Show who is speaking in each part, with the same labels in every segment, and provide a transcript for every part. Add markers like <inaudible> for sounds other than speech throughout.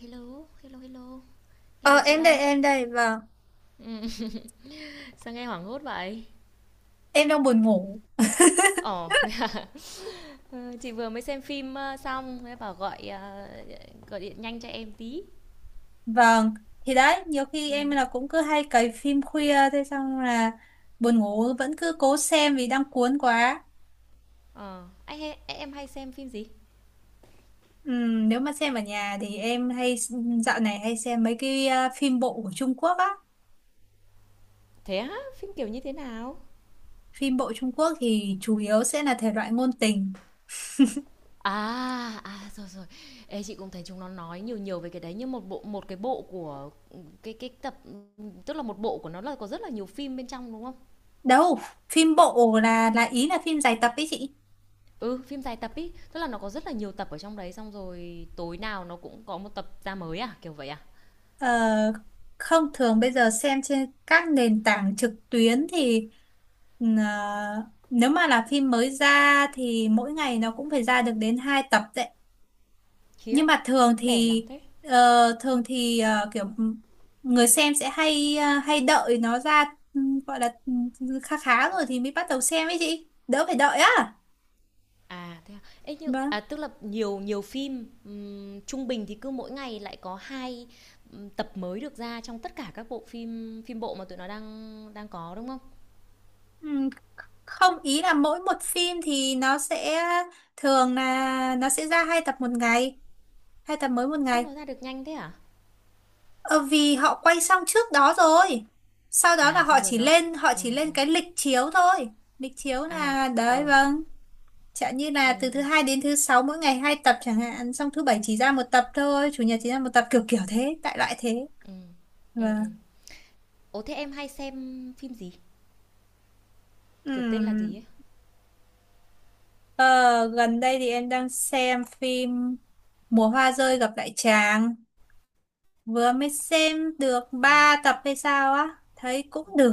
Speaker 1: Hello, hello, hello. Nghe
Speaker 2: Ờ
Speaker 1: được chị
Speaker 2: em đây
Speaker 1: không?
Speaker 2: em đây vâng.
Speaker 1: Ừm, sao nghe hoảng hốt vậy?
Speaker 2: Em đang buồn ngủ.
Speaker 1: Ồ, <laughs> ờ, chị vừa mới xem phim xong, thế bảo gọi điện nhanh cho em tí.
Speaker 2: Vâng, thì đấy nhiều khi em
Speaker 1: Ừm.
Speaker 2: là cũng cứ hay cày phim khuya thế xong là buồn ngủ vẫn cứ cố xem vì đang cuốn quá.
Speaker 1: Ờ, em hay xem phim gì?
Speaker 2: Nếu mà xem ở nhà thì em hay, dạo này hay xem mấy cái phim bộ của Trung Quốc á.
Speaker 1: Thế á, phim kiểu như thế nào?
Speaker 2: Phim bộ Trung Quốc thì chủ yếu sẽ là thể loại ngôn tình.
Speaker 1: À, rồi rồi. Ê, chị cũng thấy chúng nó nói nhiều nhiều về cái đấy nhưng một cái bộ của cái tập, tức là một bộ của nó là có rất là nhiều phim bên trong, đúng không?
Speaker 2: Đâu, phim bộ là ý là phim dài tập ý chị.
Speaker 1: Ừ, phim dài tập ý tức là nó có rất là nhiều tập ở trong đấy, xong rồi tối nào nó cũng có một tập ra mới à, kiểu vậy à?
Speaker 2: Ờ, Không, thường bây giờ xem trên các nền tảng trực tuyến thì ờ, nếu mà là phim mới ra thì mỗi ngày nó cũng phải ra được đến 2 tập đấy.
Speaker 1: Khiếp.
Speaker 2: Nhưng mà
Speaker 1: Đẻ lắm thế.
Speaker 2: thường thì kiểu người xem sẽ hay hay đợi nó ra. ừ, Gọi là khá khá rồi thì mới bắt đầu xem ấy chị. Đỡ phải đợi á.
Speaker 1: À thế à. Ê nhưng
Speaker 2: Vâng.
Speaker 1: tức là nhiều nhiều phim trung bình thì cứ mỗi ngày lại có hai tập mới được ra trong tất cả các bộ phim phim bộ mà tụi nó đang đang có, đúng không?
Speaker 2: Ừ, Không, ý là mỗi một phim thì nó sẽ, thường là nó sẽ ra hai tập một ngày, hai tập mới một
Speaker 1: Sao
Speaker 2: ngày.
Speaker 1: nó ra được nhanh thế à?
Speaker 2: Ờ, Vì họ quay xong trước đó rồi. Sau đó là
Speaker 1: À,
Speaker 2: họ
Speaker 1: xong rồi
Speaker 2: chỉ
Speaker 1: nó.
Speaker 2: lên họ
Speaker 1: Ừ,
Speaker 2: chỉ
Speaker 1: ừ.
Speaker 2: lên cái lịch chiếu thôi. Lịch chiếu
Speaker 1: À.
Speaker 2: là đấy,
Speaker 1: Ờ.
Speaker 2: vâng. Chẳng như
Speaker 1: Ừ,
Speaker 2: là từ
Speaker 1: ừ,
Speaker 2: thứ hai đến thứ sáu mỗi ngày hai tập chẳng hạn, xong thứ bảy chỉ ra một tập thôi, chủ nhật chỉ ra một tập kiểu kiểu thế, đại loại thế.
Speaker 1: ừ, ừ.
Speaker 2: Vâng.
Speaker 1: Ừ. Ồ, thế em hay xem phim gì? Kiểu tên là gì
Speaker 2: Ừm.
Speaker 1: ấy?
Speaker 2: Ờ, Gần đây thì em đang xem phim Mùa hoa rơi gặp lại chàng, vừa mới xem được
Speaker 1: Ừ,
Speaker 2: ba tập hay sao á, thấy cũng được.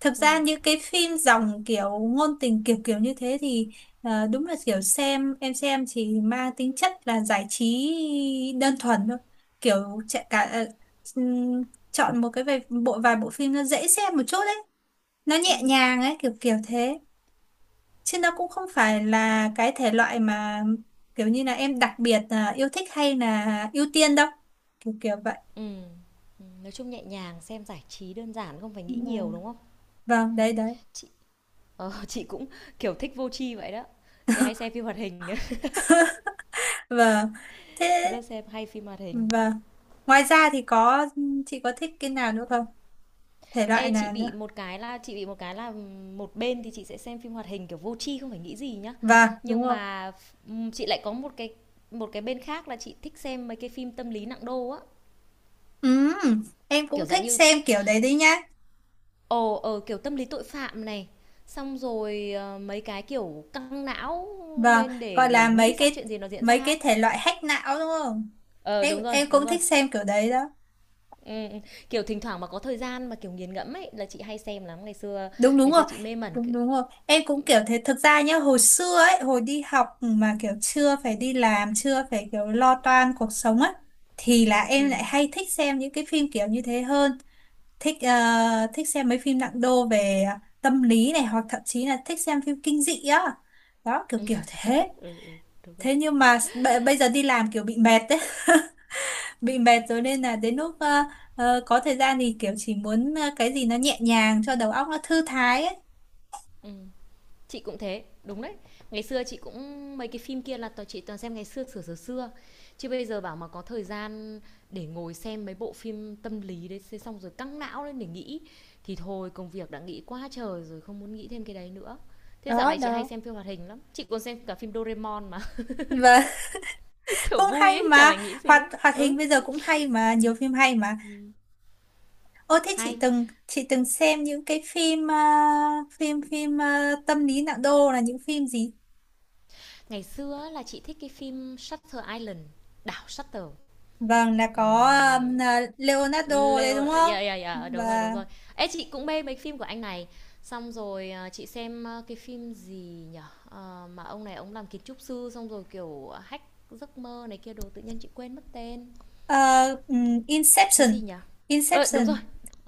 Speaker 2: Thực ra
Speaker 1: ừ,
Speaker 2: những cái phim dòng kiểu ngôn tình kiểu kiểu như thế thì đúng là kiểu xem em xem chỉ mang tính chất là giải trí đơn thuần thôi, kiểu chạy cả ừm, chọn một cái vài bộ phim nó dễ xem một chút đấy, nó
Speaker 1: ừ.
Speaker 2: nhẹ nhàng ấy kiểu kiểu thế, chứ nó cũng không phải là cái thể loại mà kiểu như là em đặc biệt là yêu thích hay là ưu tiên đâu, kiểu kiểu vậy.
Speaker 1: Ừm, nói chung nhẹ nhàng, xem giải trí đơn giản, không phải nghĩ
Speaker 2: Mà-
Speaker 1: nhiều, đúng không?
Speaker 2: vâng, đấy đấy.
Speaker 1: Chị <laughs> chị cũng, kiểu, thích vô tri vậy đó. Chị hay xem phim hoạt hình.
Speaker 2: Vâng, thế.
Speaker 1: <laughs> Rất xem hay phim hoạt hình.
Speaker 2: Vâng, ngoài ra thì có, chị có thích cái nào nữa không, thể loại
Speaker 1: Ê, chị
Speaker 2: nào nữa?
Speaker 1: bị một cái là một bên thì chị sẽ xem phim hoạt hình, kiểu, vô tri không phải nghĩ gì nhá.
Speaker 2: Vâng, đúng
Speaker 1: Nhưng
Speaker 2: không?
Speaker 1: mà chị lại có một cái bên khác là chị thích xem mấy cái phim tâm lý nặng đô á,
Speaker 2: Ừ, em
Speaker 1: kiểu,
Speaker 2: cũng
Speaker 1: dạng
Speaker 2: thích
Speaker 1: như
Speaker 2: xem kiểu đấy đấy nhá.
Speaker 1: kiểu, tâm lý tội phạm này, xong rồi, mấy cái, kiểu, căng não
Speaker 2: Vâng,
Speaker 1: lên để
Speaker 2: gọi là mấy
Speaker 1: nghĩ xem
Speaker 2: cái
Speaker 1: chuyện gì nó diễn
Speaker 2: mấy
Speaker 1: ra
Speaker 2: cái
Speaker 1: ấy.
Speaker 2: thể loại hack não đúng không?
Speaker 1: Ờ,
Speaker 2: em
Speaker 1: đúng rồi,
Speaker 2: em
Speaker 1: đúng
Speaker 2: cũng
Speaker 1: rồi.
Speaker 2: thích xem kiểu đấy đó.
Speaker 1: Ừm, ừm. Kiểu, thỉnh thoảng mà có thời gian mà, kiểu, nghiền ngẫm ấy, là chị hay xem lắm.
Speaker 2: Đúng đúng
Speaker 1: Ngày
Speaker 2: rồi,
Speaker 1: xưa chị mê mẩn c
Speaker 2: đúng đúng rồi, em cũng kiểu thế thực ra nhá. Hồi xưa ấy hồi đi học mà kiểu chưa phải đi làm chưa phải kiểu lo toan cuộc sống á, thì là em
Speaker 1: ừm,
Speaker 2: lại hay thích xem những cái phim kiểu như thế hơn. Thích ờ, thích xem mấy phim nặng đô về tâm lý này, hoặc thậm chí là thích xem phim kinh dị á. Đó kiểu kiểu thế.
Speaker 1: ừ, đúng rồi,
Speaker 2: Thế nhưng mà bây giờ đi làm kiểu bị mệt đấy. <laughs> Bị mệt rồi nên là đến lúc có thời gian thì kiểu chỉ muốn cái gì nó nhẹ nhàng cho đầu óc nó thư thái ấy.
Speaker 1: ừm. Chị cũng thế, đúng đấy. Ngày xưa chị cũng mấy cái phim kia là toàn chị toàn xem ngày xưa, xửa xừa xưa. Chứ bây giờ bảo mà có thời gian để ngồi xem mấy bộ phim tâm lý đấy, thế xong rồi căng não lên để nghĩ, thì thôi công việc đã nghĩ quá trời rồi, không muốn nghĩ thêm cái đấy nữa. Thế dạo
Speaker 2: Đó
Speaker 1: này chị hay
Speaker 2: đó.
Speaker 1: xem phim hoạt hình lắm, chị còn xem cả phim Doraemon mà,
Speaker 2: Và <laughs>
Speaker 1: <laughs> kiểu,
Speaker 2: cũng
Speaker 1: vui
Speaker 2: hay
Speaker 1: ấy, chả
Speaker 2: mà.
Speaker 1: phải nghĩ gì
Speaker 2: hoạt
Speaker 1: ấy.
Speaker 2: hoạt hình
Speaker 1: Ừ,
Speaker 2: bây giờ cũng hay mà, nhiều phim hay mà. Ô thế chị
Speaker 1: hay.
Speaker 2: từng chị từng xem những cái phim phim phim tâm lý nặng đô là những phim gì?
Speaker 1: Ngày xưa là chị thích cái phim Shutter Island, đảo Shutter.
Speaker 2: Vâng, là có
Speaker 1: Ừm,
Speaker 2: à, Leonardo đấy
Speaker 1: Leo,
Speaker 2: đúng không?
Speaker 1: yeah yeah yeah, đúng rồi, đúng
Speaker 2: Và
Speaker 1: rồi. Ê, chị cũng mê mấy phim của anh này. Xong rồi à, chị xem à, cái phim gì nhở? Ờ, mà ông này ông làm kiến trúc sư xong rồi kiểu hack giấc mơ này kia đồ, tự nhiên chị quên mất tên.
Speaker 2: ờ,
Speaker 1: Cái
Speaker 2: Inception.
Speaker 1: gì nhở? Ờ, đúng
Speaker 2: Inception.
Speaker 1: rồi.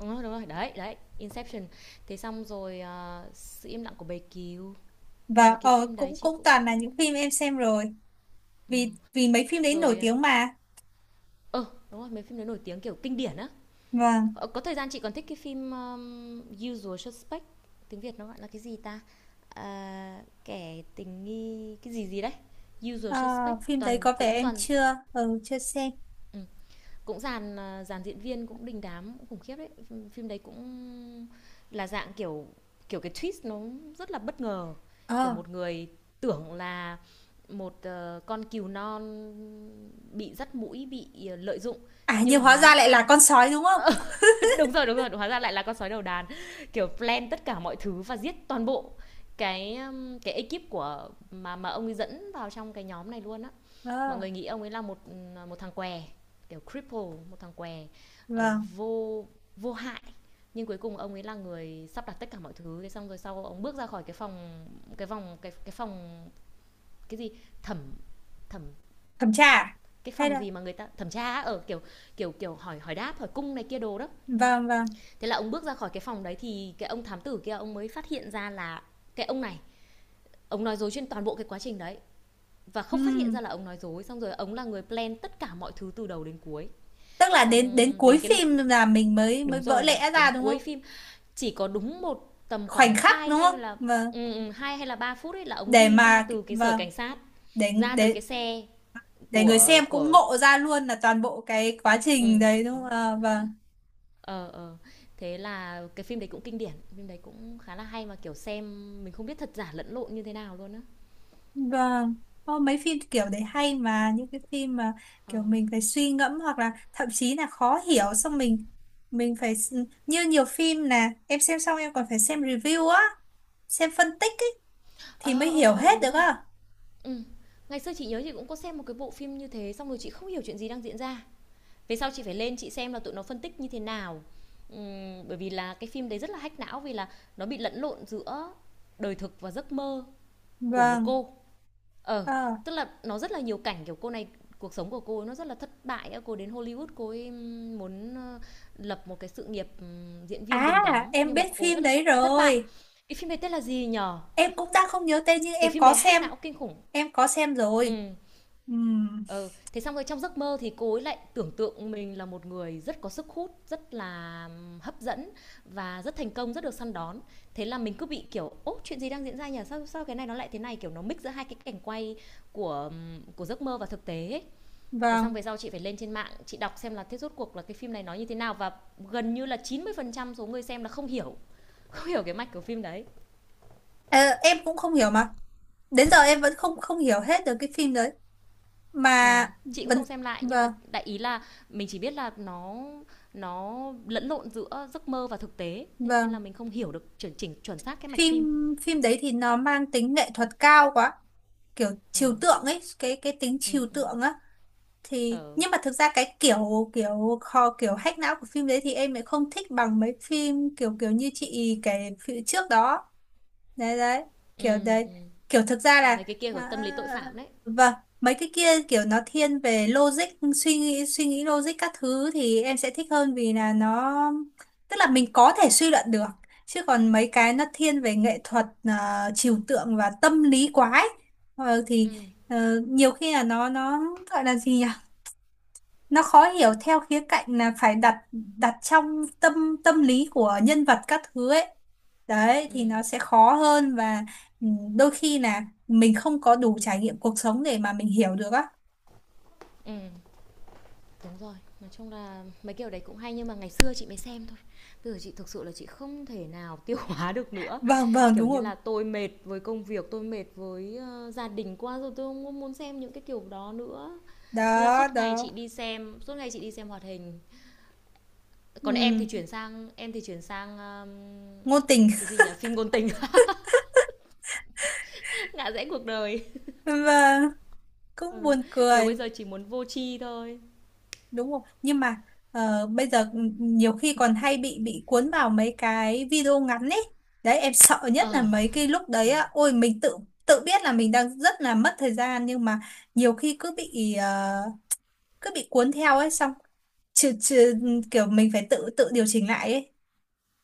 Speaker 1: Đúng rồi, đúng rồi. Đấy, đấy, Inception. Thế xong rồi à, sự im lặng của bầy cừu. Mấy
Speaker 2: Và
Speaker 1: cái phim đấy
Speaker 2: cũng
Speaker 1: chị
Speaker 2: cũng
Speaker 1: cũng
Speaker 2: toàn là những phim em xem rồi. Vì
Speaker 1: ừm.
Speaker 2: vì mấy phim đấy nổi
Speaker 1: Rồi
Speaker 2: tiếng mà.
Speaker 1: ờ, đúng rồi, mấy phim đấy nổi tiếng kiểu kinh điển á.
Speaker 2: Vâng.
Speaker 1: Ờ, có thời gian chị còn thích cái phim Usual Suspect, tiếng Việt nó gọi là cái gì ta? À, kẻ tình nghi cái gì gì đấy. Usual
Speaker 2: Ờ,
Speaker 1: Suspect,
Speaker 2: Phim đấy
Speaker 1: toàn
Speaker 2: có vẻ
Speaker 1: cũng
Speaker 2: em
Speaker 1: toàn
Speaker 2: chưa xem.
Speaker 1: ừ, cũng dàn diễn viên cũng đình đám cũng khủng khiếp đấy, phim đấy cũng là dạng kiểu kiểu cái twist nó rất là bất ngờ. Kiểu
Speaker 2: Ờ,
Speaker 1: một người tưởng là một con cừu non bị dắt mũi bị lợi dụng,
Speaker 2: À
Speaker 1: nhưng
Speaker 2: nhưng hóa
Speaker 1: hóa
Speaker 2: ra lại là
Speaker 1: ra
Speaker 2: con sói đúng không?
Speaker 1: <laughs> đúng rồi đúng rồi, hóa ra lại là con sói đầu đàn, kiểu plan tất cả mọi thứ và giết toàn bộ cái ekip của mà ông ấy dẫn vào trong cái nhóm này luôn á. Mọi
Speaker 2: Ờ,
Speaker 1: người nghĩ ông ấy là một một thằng què, kiểu cripple, một thằng què, ờ,
Speaker 2: vâng,
Speaker 1: vô vô hại, nhưng cuối cùng ông ấy là người sắp đặt tất cả mọi thứ, thế xong rồi sau ông bước ra khỏi cái phòng, cái vòng, cái phòng cái gì, thẩm, thẩm,
Speaker 2: thẩm tra à?
Speaker 1: cái
Speaker 2: Hay
Speaker 1: phòng
Speaker 2: là?
Speaker 1: gì mà người ta thẩm tra ở kiểu, kiểu kiểu hỏi hỏi đáp, hỏi cung này kia đồ đó,
Speaker 2: Vâng, vâng.
Speaker 1: thế là ông bước ra khỏi cái phòng đấy thì cái ông thám tử kia ông mới phát hiện ra là cái ông này ông nói dối trên toàn bộ cái quá trình đấy, và không phát hiện
Speaker 2: Ừm,
Speaker 1: ra là ông nói dối, xong rồi ông là người plan tất cả mọi thứ từ đầu đến cuối.
Speaker 2: Tức là
Speaker 1: Xong
Speaker 2: đến đến cuối
Speaker 1: đến cái,
Speaker 2: phim là mình mới mới
Speaker 1: đúng
Speaker 2: vỡ
Speaker 1: rồi, đến
Speaker 2: lẽ
Speaker 1: đến
Speaker 2: ra đúng
Speaker 1: cuối
Speaker 2: không?
Speaker 1: phim, chỉ có đúng một tầm khoảng
Speaker 2: Khoảnh khắc
Speaker 1: 2
Speaker 2: đúng
Speaker 1: hay
Speaker 2: không?
Speaker 1: là
Speaker 2: Vâng.
Speaker 1: hai hay là 3 phút ấy là ông
Speaker 2: để
Speaker 1: đi ra
Speaker 2: mà
Speaker 1: từ cái sở
Speaker 2: Vâng,
Speaker 1: cảnh sát,
Speaker 2: để
Speaker 1: ra tới
Speaker 2: để
Speaker 1: cái xe
Speaker 2: để người
Speaker 1: của
Speaker 2: xem cũng
Speaker 1: của
Speaker 2: ngộ ra luôn là toàn bộ cái quá trình
Speaker 1: Ừ,
Speaker 2: đấy đúng không?
Speaker 1: đúng.
Speaker 2: Ờ, vâng,
Speaker 1: ờ ờ Thế là cái phim đấy cũng kinh điển, phim đấy cũng khá là hay, mà kiểu xem mình không biết thật giả lẫn lộn như thế nào luôn á.
Speaker 2: vâng. Ô, mấy phim kiểu đấy
Speaker 1: Ừm,
Speaker 2: hay mà, những cái phim mà
Speaker 1: ờ.
Speaker 2: kiểu mình phải suy ngẫm hoặc là thậm chí là khó hiểu, xong như nhiều phim là em xem xong em còn phải xem review á, xem phân tích ấy, thì mới
Speaker 1: Ờ, ờ,
Speaker 2: hiểu
Speaker 1: ờ,
Speaker 2: hết
Speaker 1: đúng
Speaker 2: được
Speaker 1: rồi.
Speaker 2: á.
Speaker 1: Ừm. Ngày xưa chị nhớ chị cũng có xem một cái bộ phim như thế, xong rồi chị không hiểu chuyện gì đang diễn ra. Về sau chị phải lên chị xem là tụi nó phân tích như thế nào. Bởi vì là cái phim đấy rất là hack não, vì là nó bị lẫn lộn giữa đời thực và giấc mơ của một
Speaker 2: Vâng.
Speaker 1: cô. Ờ,
Speaker 2: ờ
Speaker 1: tức là nó rất là nhiều cảnh, kiểu, cô này cuộc sống của cô ấy nó rất là thất bại á, cô đến Hollywood cô ấy muốn, lập một cái sự nghiệp, diễn viên đình
Speaker 2: À,
Speaker 1: đám,
Speaker 2: em
Speaker 1: nhưng mà
Speaker 2: biết
Speaker 1: cô
Speaker 2: phim
Speaker 1: rất là
Speaker 2: đấy
Speaker 1: thất bại.
Speaker 2: rồi.
Speaker 1: Cái phim này tên là gì nhở?
Speaker 2: Em cũng đang không nhớ tên nhưng
Speaker 1: Cái phim đấy hack não kinh khủng.
Speaker 2: em có xem rồi.
Speaker 1: Ừ.
Speaker 2: Ừm.
Speaker 1: ờ Thế xong rồi trong giấc mơ thì cô ấy lại tưởng tượng mình là một người rất có sức hút, rất là hấp dẫn, và rất thành công, rất được săn đón. Thế là mình cứ bị kiểu, ố, chuyện gì đang diễn ra nhỉ, sao sao cái này nó lại thế này, kiểu nó mix giữa hai cái cảnh quay của giấc mơ và thực tế ấy. Thế xong
Speaker 2: Vâng.
Speaker 1: về sau chị phải lên trên mạng chị đọc xem là thế rốt cuộc là cái phim này nói như thế nào, và gần như là 90% số người xem là không hiểu. <laughs> Không hiểu cái mạch của phim đấy.
Speaker 2: Ờ, em cũng không hiểu mà. Đến giờ em vẫn không không hiểu hết được cái phim đấy. Mà
Speaker 1: Chị cũng
Speaker 2: vẫn.
Speaker 1: không xem lại nhưng mà
Speaker 2: Vâng,
Speaker 1: đại ý là mình chỉ biết là nó lẫn lộn giữa giấc mơ và thực tế, nên
Speaker 2: vâng.
Speaker 1: là mình không hiểu được chuẩn chỉnh chuẩn xác cái mạch
Speaker 2: phim
Speaker 1: phim.
Speaker 2: phim đấy thì nó mang tính nghệ thuật cao quá, kiểu trừu
Speaker 1: Ừm,
Speaker 2: tượng ấy, cái tính
Speaker 1: ừm,
Speaker 2: trừu
Speaker 1: ừm.
Speaker 2: tượng á. Thì
Speaker 1: Ờ.
Speaker 2: nhưng mà thực ra cái kiểu kiểu kho kiểu hack não của phim đấy thì em lại không thích bằng mấy phim kiểu kiểu như chị kể phía trước đó. Đấy đấy, kiểu đấy,
Speaker 1: Ừm.
Speaker 2: kiểu thực ra là.
Speaker 1: Mấy cái kia của tâm lý tội
Speaker 2: À,
Speaker 1: phạm đấy.
Speaker 2: vâng. Mấy cái kia kiểu nó thiên về logic, suy nghĩ logic các thứ thì em sẽ thích hơn vì là nó, tức là mình có thể suy luận được. Chứ còn mấy cái nó thiên về nghệ thuật, à, trừu tượng và tâm lý quá ấy. Thì
Speaker 1: Ừm,
Speaker 2: nhiều khi là nó gọi là gì nhỉ, nó khó hiểu theo khía cạnh là phải đặt đặt trong tâm tâm lý của nhân vật các thứ ấy. Đấy thì
Speaker 1: ừm,
Speaker 2: nó sẽ khó hơn. Và ừ, đôi khi là mình không có đủ trải nghiệm cuộc sống để mà mình hiểu được á.
Speaker 1: ừm. Đúng rồi, nói chung là mấy kiểu đấy cũng hay nhưng mà ngày xưa chị mới xem thôi. Bây giờ chị thực sự là chị không thể nào tiêu <laughs> hóa được nữa.
Speaker 2: Vâng, vâng,
Speaker 1: Kiểu
Speaker 2: đúng
Speaker 1: như
Speaker 2: rồi.
Speaker 1: là tôi mệt với công việc, tôi mệt với, gia đình quá rồi, tôi không muốn xem những cái kiểu đó nữa. Thế là
Speaker 2: Đó
Speaker 1: suốt ngày
Speaker 2: đó.
Speaker 1: chị đi xem, suốt ngày chị đi xem hoạt hình. Còn
Speaker 2: Ừ.
Speaker 1: em thì chuyển sang
Speaker 2: Ngôn tình.
Speaker 1: cái gì nhỉ, phim ngôn tình, <laughs> ngã rẽ cuộc đời.
Speaker 2: <laughs> Và cũng
Speaker 1: Ừ.
Speaker 2: buồn
Speaker 1: Kiểu bây
Speaker 2: cười.
Speaker 1: giờ chỉ muốn vô tri thôi.
Speaker 2: Đúng không, nhưng mà bây giờ nhiều khi còn hay bị cuốn vào mấy cái video ngắn ấy. Đấy, em sợ nhất là
Speaker 1: Ờ.
Speaker 2: mấy cái lúc
Speaker 1: Ừ.
Speaker 2: đấy á, ôi mình tự tự biết là mình đang rất là mất thời gian, nhưng mà nhiều khi cứ bị cuốn theo ấy xong trừ, trừ, kiểu mình phải tự tự điều chỉnh lại ấy.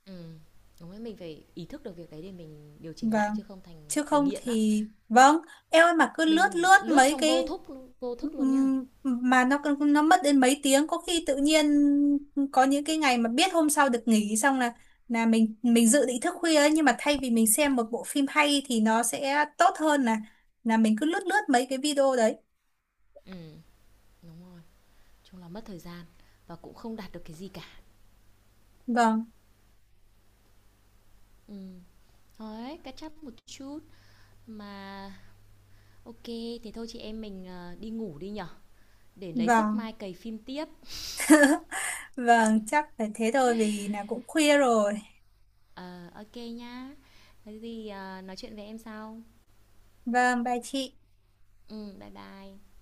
Speaker 1: Ừ. Đúng đấy, mình phải ý thức được việc đấy để mình điều chỉnh lại
Speaker 2: Vâng.
Speaker 1: chứ không thành
Speaker 2: Chứ
Speaker 1: thành
Speaker 2: không
Speaker 1: nghiện á.
Speaker 2: thì, vâng, em ơi mà cứ lướt
Speaker 1: Mình
Speaker 2: lướt
Speaker 1: lướt
Speaker 2: mấy
Speaker 1: trong vô
Speaker 2: cái.
Speaker 1: thức, vô thức luôn nhá.
Speaker 2: Mà nó mất đến mấy tiếng có khi tự nhiên. Có những cái ngày mà biết hôm sau được nghỉ xong là mình dự định thức khuya ấy, nhưng mà thay vì mình xem một bộ phim hay thì nó sẽ tốt hơn là mình cứ lướt lướt mấy cái video đấy.
Speaker 1: Ừ, đúng rồi, chung là mất thời gian, và cũng không đạt được cái gì cả.
Speaker 2: Vâng.
Speaker 1: Ừ, thôi cắt chấp một chút mà, ok, thì thôi chị em mình đi ngủ đi nhở, để lấy sức
Speaker 2: Vâng,
Speaker 1: mai cày phim tiếp.
Speaker 2: vâng, chắc phải thế thôi vì là cũng khuya rồi.
Speaker 1: Ờ, ok nhá. Có gì, nói chuyện với em sau.
Speaker 2: Vâng, bye chị.
Speaker 1: Bye bye.